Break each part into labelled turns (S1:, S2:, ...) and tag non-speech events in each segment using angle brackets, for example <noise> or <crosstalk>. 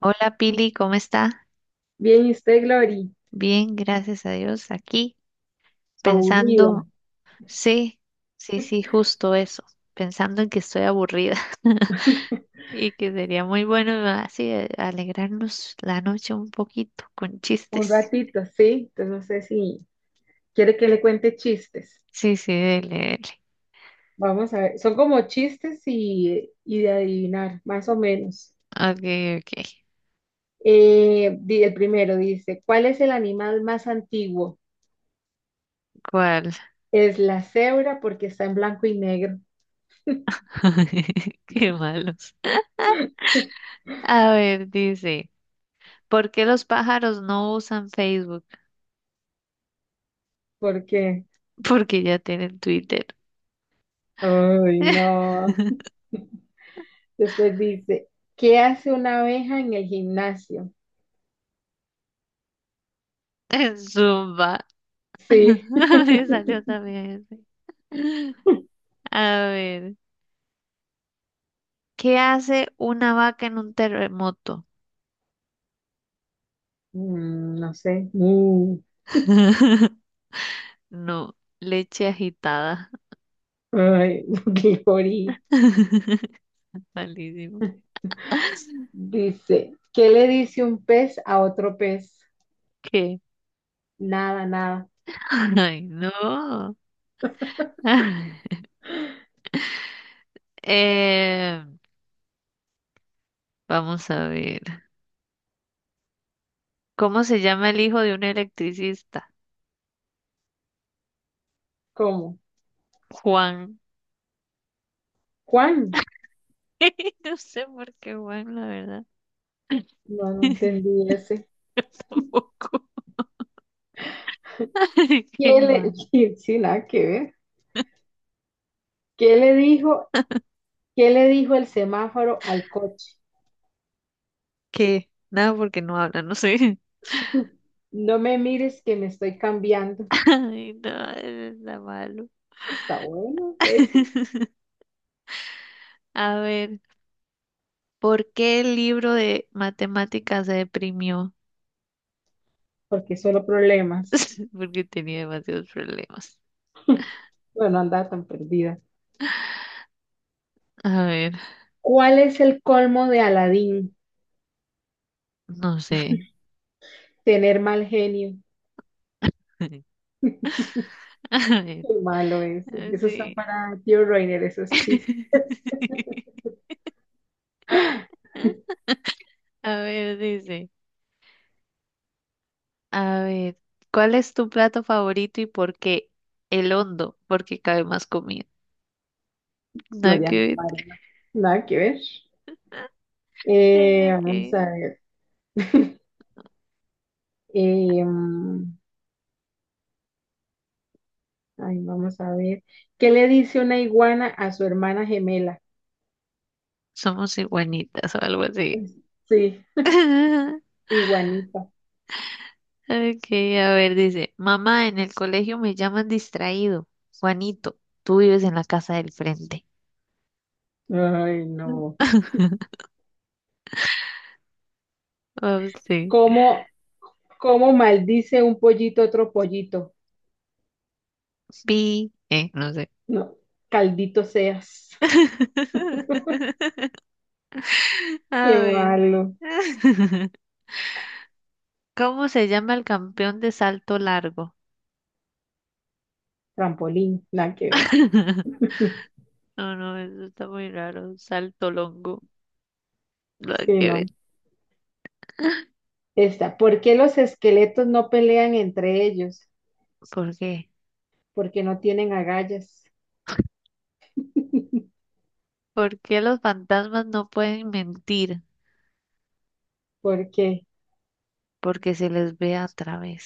S1: Hola Pili, ¿cómo está?
S2: Bien, ¿y usted, Glory?
S1: Bien, gracias a Dios. Aquí
S2: Aburrida.
S1: pensando, sí, sí, sí, justo eso, pensando en que estoy aburrida. <laughs> Y que sería muy bueno así alegrarnos la noche un poquito con
S2: Un
S1: chistes.
S2: ratito, sí. Entonces no sé si quiere que le cuente chistes.
S1: Sí, sí, dele,
S2: Vamos a ver. Son como chistes y de adivinar, más o menos.
S1: dele. Ok, ok.
S2: El primero dice, ¿cuál es el animal más antiguo?
S1: ¿Cuál?
S2: Es la cebra porque está en blanco y negro.
S1: <laughs> Qué malos. A ver, dice, ¿por qué los pájaros no usan Facebook?
S2: Porque,
S1: <laughs> Porque ya tienen Twitter.
S2: ay, no.
S1: <laughs>
S2: <laughs> Después dice, ¿qué hace una abeja en el gimnasio?
S1: Zumba.
S2: Sí.
S1: <laughs> Me salió también ese. A ver, ¿qué hace una vaca en un terremoto?
S2: No sé.
S1: <laughs> No, leche agitada.
S2: Ay, <laughs> Glory.
S1: <laughs> Malísimo.
S2: Dice, ¿qué le dice un pez a otro pez?
S1: ¿Qué?
S2: Nada, nada.
S1: Ay, no. <laughs> Eh, vamos a ver. ¿Cómo se llama el hijo de un electricista?
S2: ¿Cómo?
S1: Juan.
S2: ¿Juan?
S1: <laughs> No sé por qué Juan, la verdad.
S2: No, no
S1: <laughs>
S2: entendí ese.
S1: Yo tampoco. <laughs> ¿Qué
S2: ¿Qué le,
S1: Juan?
S2: <laughs> sí, sí, nada que ver. ¿Qué le dijo, ¿qué le dijo el semáforo al coche?
S1: ¿Qué? Nada porque no habla, no sé.
S2: <laughs> No me mires que me estoy cambiando.
S1: <laughs> Ay, no, eso está malo.
S2: Está bueno eso,
S1: <laughs> A ver, ¿por qué el libro de matemáticas se deprimió?
S2: porque solo problemas.
S1: <laughs> Porque tenía demasiados problemas.
S2: Bueno, anda tan perdida.
S1: A ver,
S2: ¿Cuál es el colmo de Aladín?
S1: no sé.
S2: Tener mal genio.
S1: <laughs> A ver,
S2: Qué malo ese.
S1: ah,
S2: Eso está
S1: sí.
S2: para tío Reiner, esos chistes.
S1: <laughs> A ver, dice. A ver, ¿cuál es tu plato favorito y por qué? El hondo, porque cabe más comida. <laughs> Nada
S2: Gloria no,
S1: que
S2: María, nada que ver.
S1: ver.
S2: Vamos a
S1: Eso.
S2: ver. <laughs> Eh, mm, Ay, vamos a ver. ¿Qué le dice una iguana a su hermana gemela?
S1: Somos iguanitas o algo así.
S2: Pues, sí,
S1: <laughs>
S2: iguanita.
S1: Ok, a ver, dice, mamá, en el colegio me llaman distraído. Juanito, tú vives en la casa del frente.
S2: Ay, no.
S1: <laughs> Oh, sí.
S2: ¿Cómo, ¿cómo maldice un pollito a otro pollito?
S1: Pi, no sé.
S2: No, caldito seas.
S1: <laughs>
S2: Qué
S1: A ver.
S2: malo.
S1: <laughs> ¿Cómo se llama el campeón de salto largo?
S2: Trampolín, nada que ver. <laughs>
S1: <laughs> No, no, eso está muy raro. Salto longo. Nada
S2: Sí,
S1: que ver.
S2: no. Esta. ¿Por qué los esqueletos no pelean entre ellos?
S1: ¿Por qué?
S2: Porque no tienen agallas.
S1: ¿Por qué los fantasmas no pueden mentir?
S2: Porque,
S1: Porque se les ve a través.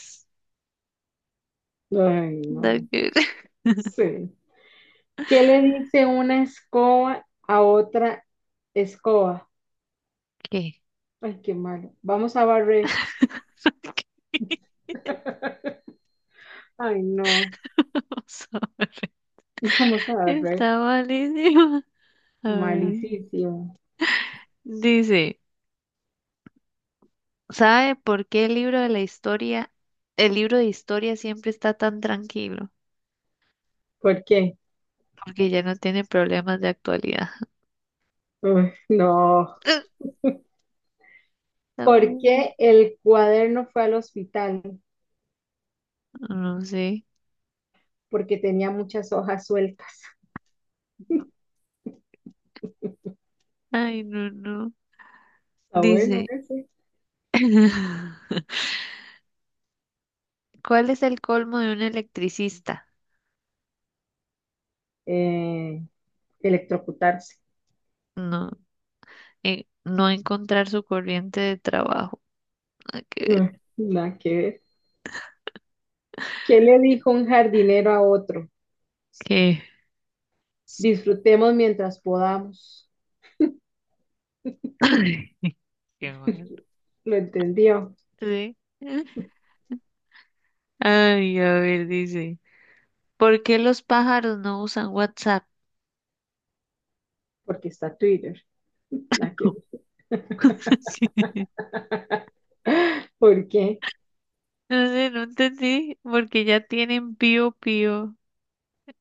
S2: ay,
S1: Da
S2: no,
S1: que- <laughs>
S2: sí. ¿Qué le dice una escoba a otra escoba?
S1: ¿Qué?
S2: Ay, qué malo. Vamos a barrer.
S1: <laughs>
S2: <laughs> Ay, no.
S1: Vamos a ver.
S2: Vamos a barrer.
S1: Está malísima. A ver.
S2: Malísimo.
S1: Dice, ¿sabe por qué el libro de historia siempre está tan tranquilo?
S2: ¿Por qué?
S1: Porque ya no tiene problemas de actualidad.
S2: Uy, no.
S1: <laughs> Está
S2: ¿Por
S1: muy mal.
S2: qué el cuaderno fue al hospital?
S1: No sé.
S2: Porque tenía muchas hojas sueltas.
S1: Ay, no, no.
S2: Está bueno
S1: Dice,
S2: ese.
S1: <laughs> ¿cuál es el colmo de un electricista?
S2: Eh, Electrocutarse.
S1: No, no encontrar su corriente de trabajo. que,
S2: Mm, Nada que ver. ¿Qué le dijo un jardinero a otro?
S1: que-
S2: Disfrutemos mientras podamos.
S1: <laughs> Qué mal.
S2: Lo entendió,
S1: Sí. Ay, a ver, dice, ¿por qué los pájaros no usan WhatsApp?
S2: porque está Twitter. Aquí.
S1: <laughs>
S2: <gasps> ¿Por qué?
S1: No sé, no entendí, porque ya tienen pío pío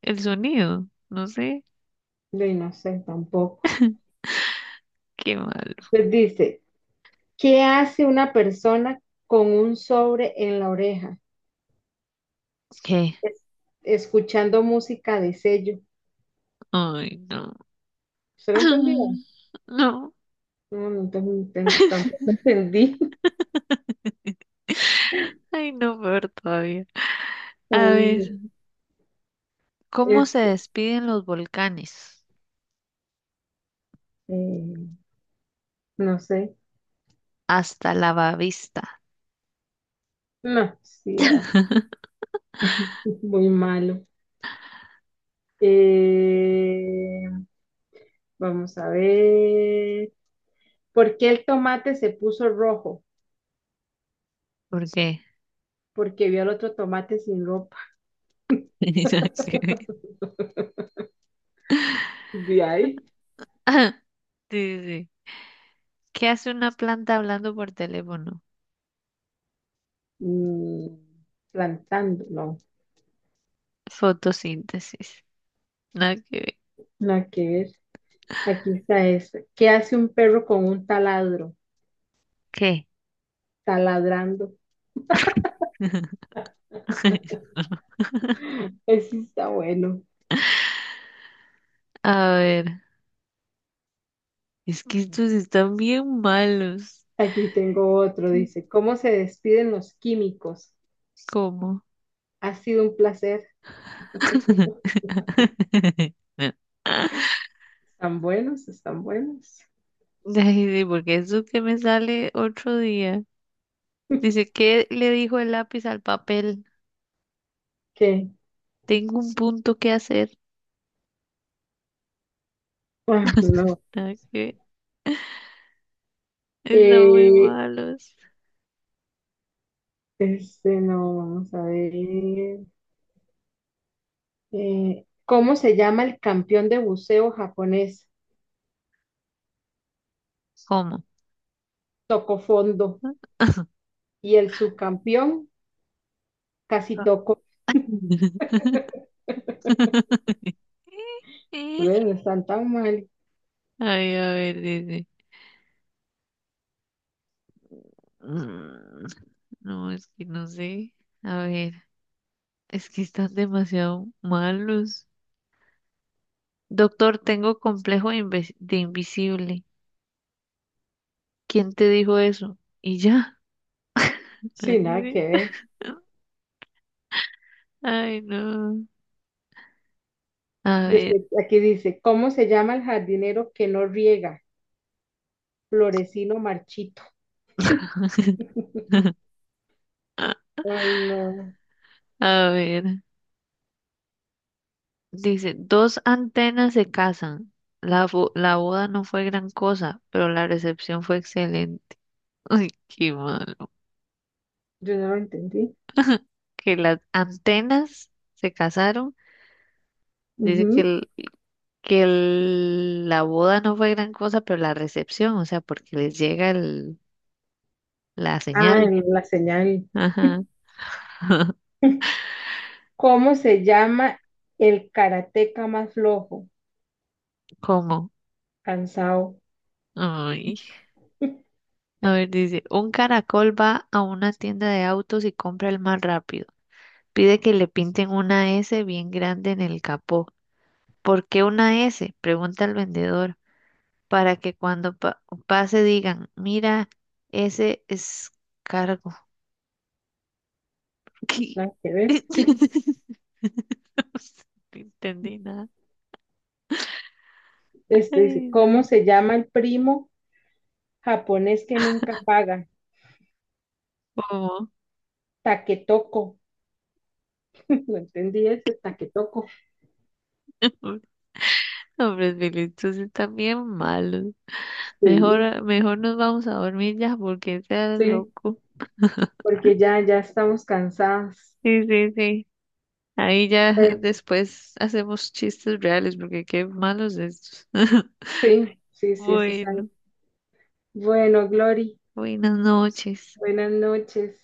S1: el sonido, no sé.
S2: No sé, tampoco.
S1: <laughs> Qué malo.
S2: Entonces dice, ¿qué hace una persona con un sobre en la oreja?
S1: ¿Qué?
S2: Es- Escuchando música de sello.
S1: Ay, no.
S2: ¿Se lo entendió?
S1: <clears throat> No,
S2: No, tampoco entendí. <laughs>
S1: ay, no, peor todavía.
S2: Ay,
S1: A ver,
S2: no.
S1: ¿cómo se
S2: este,
S1: despiden los volcanes?
S2: eh, no sé.
S1: Hasta la vista.
S2: No, sí, ah, muy malo. Eh, Vamos a ver. ¿Por qué el tomate se puso rojo?
S1: ¿Por qué?
S2: Porque vio al otro tomate sin ropa.
S1: <laughs> <laughs>
S2: De ahí,
S1: Sí, sí, sí. ¿Qué hace una planta hablando por teléfono?
S2: mm, plantando. No,
S1: Fotosíntesis. Nada que ver.
S2: nada que ver. Aquí está esta. ¿Qué hace un perro con un taladro?
S1: ¿Qué?
S2: Taladrando.
S1: <laughs>
S2: Ese está bueno.
S1: A ver, es que estos están bien malos.
S2: Aquí tengo otro. Dice, ¿cómo se despiden los químicos?
S1: ¿Cómo?
S2: Ha sido un placer.
S1: <laughs>
S2: Están buenos, están buenos.
S1: Ay, sí, porque eso que me sale otro día. Dice, ¿qué le dijo el lápiz al papel?
S2: ¿Qué?
S1: Tengo un punto que hacer.
S2: Ah,
S1: <laughs>
S2: no.
S1: Nada que ver. Están muy
S2: Eh,
S1: malos.
S2: este no, vamos a ver. ¿Cómo se llama el campeón de buceo japonés?
S1: ¿Cómo?
S2: Tocó fondo.
S1: <laughs>
S2: Y el subcampeón casi tocó.
S1: <laughs>
S2: Ve, no, <laughs> están tan mal.
S1: Ay, a ver, dice. Mm, no, es que no sé. A ver, es que están demasiado malos. Doctor, tengo complejo de, de invisible. ¿Quién te dijo eso? Y ya. Nada
S2: Sí,
S1: que
S2: nada
S1: ver.
S2: que ver.
S1: Ay, no. A ver,
S2: Después, aquí dice, ¿cómo se llama el jardinero que no riega? Florecino marchito. <laughs>
S1: <laughs>
S2: Ay, no,
S1: a ver. Dice, dos antenas se casan. La boda no fue gran cosa, pero la recepción fue excelente. Ay, qué malo.
S2: yo no lo entendí.
S1: Que las antenas se casaron. Dice
S2: Ujú.
S1: que la boda no fue gran cosa, pero la recepción, o sea, porque les llega la
S2: Ah,
S1: señal.
S2: en la señal.
S1: Ajá.
S2: <laughs> ¿Cómo se llama el karateca más flojo?
S1: ¿Cómo?
S2: Cansado.
S1: Ay.
S2: <laughs>
S1: A ver, dice, un caracol va a una tienda de autos y compra el más rápido. Pide que le pinten una S bien grande en el capó. ¿Por qué una S? Pregunta el vendedor, para que cuando pase digan, mira, ese es. ¿Qué?
S2: Nada que ver.
S1: <laughs> No entendí nada.
S2: Este dice,
S1: Ay,
S2: ¿cómo
S1: no.
S2: se llama el primo? Japonés que nunca paga.
S1: ¿Cómo?
S2: Taquetoco. <laughs> No entendí ese taquetoco.
S1: Hombres, Bilichus están bien malos.
S2: Sí,
S1: Mejor, mejor nos vamos a dormir ya porque seas
S2: sí,
S1: loco.
S2: porque ya estamos cansados.
S1: Sí, sí, sí. Ahí ya
S2: Bueno,
S1: después hacemos chistes reales porque qué malos estos. <laughs>
S2: sí, sí, sí, eso es algo.
S1: Bueno,
S2: Bueno, Glory,
S1: buenas noches.
S2: buenas noches.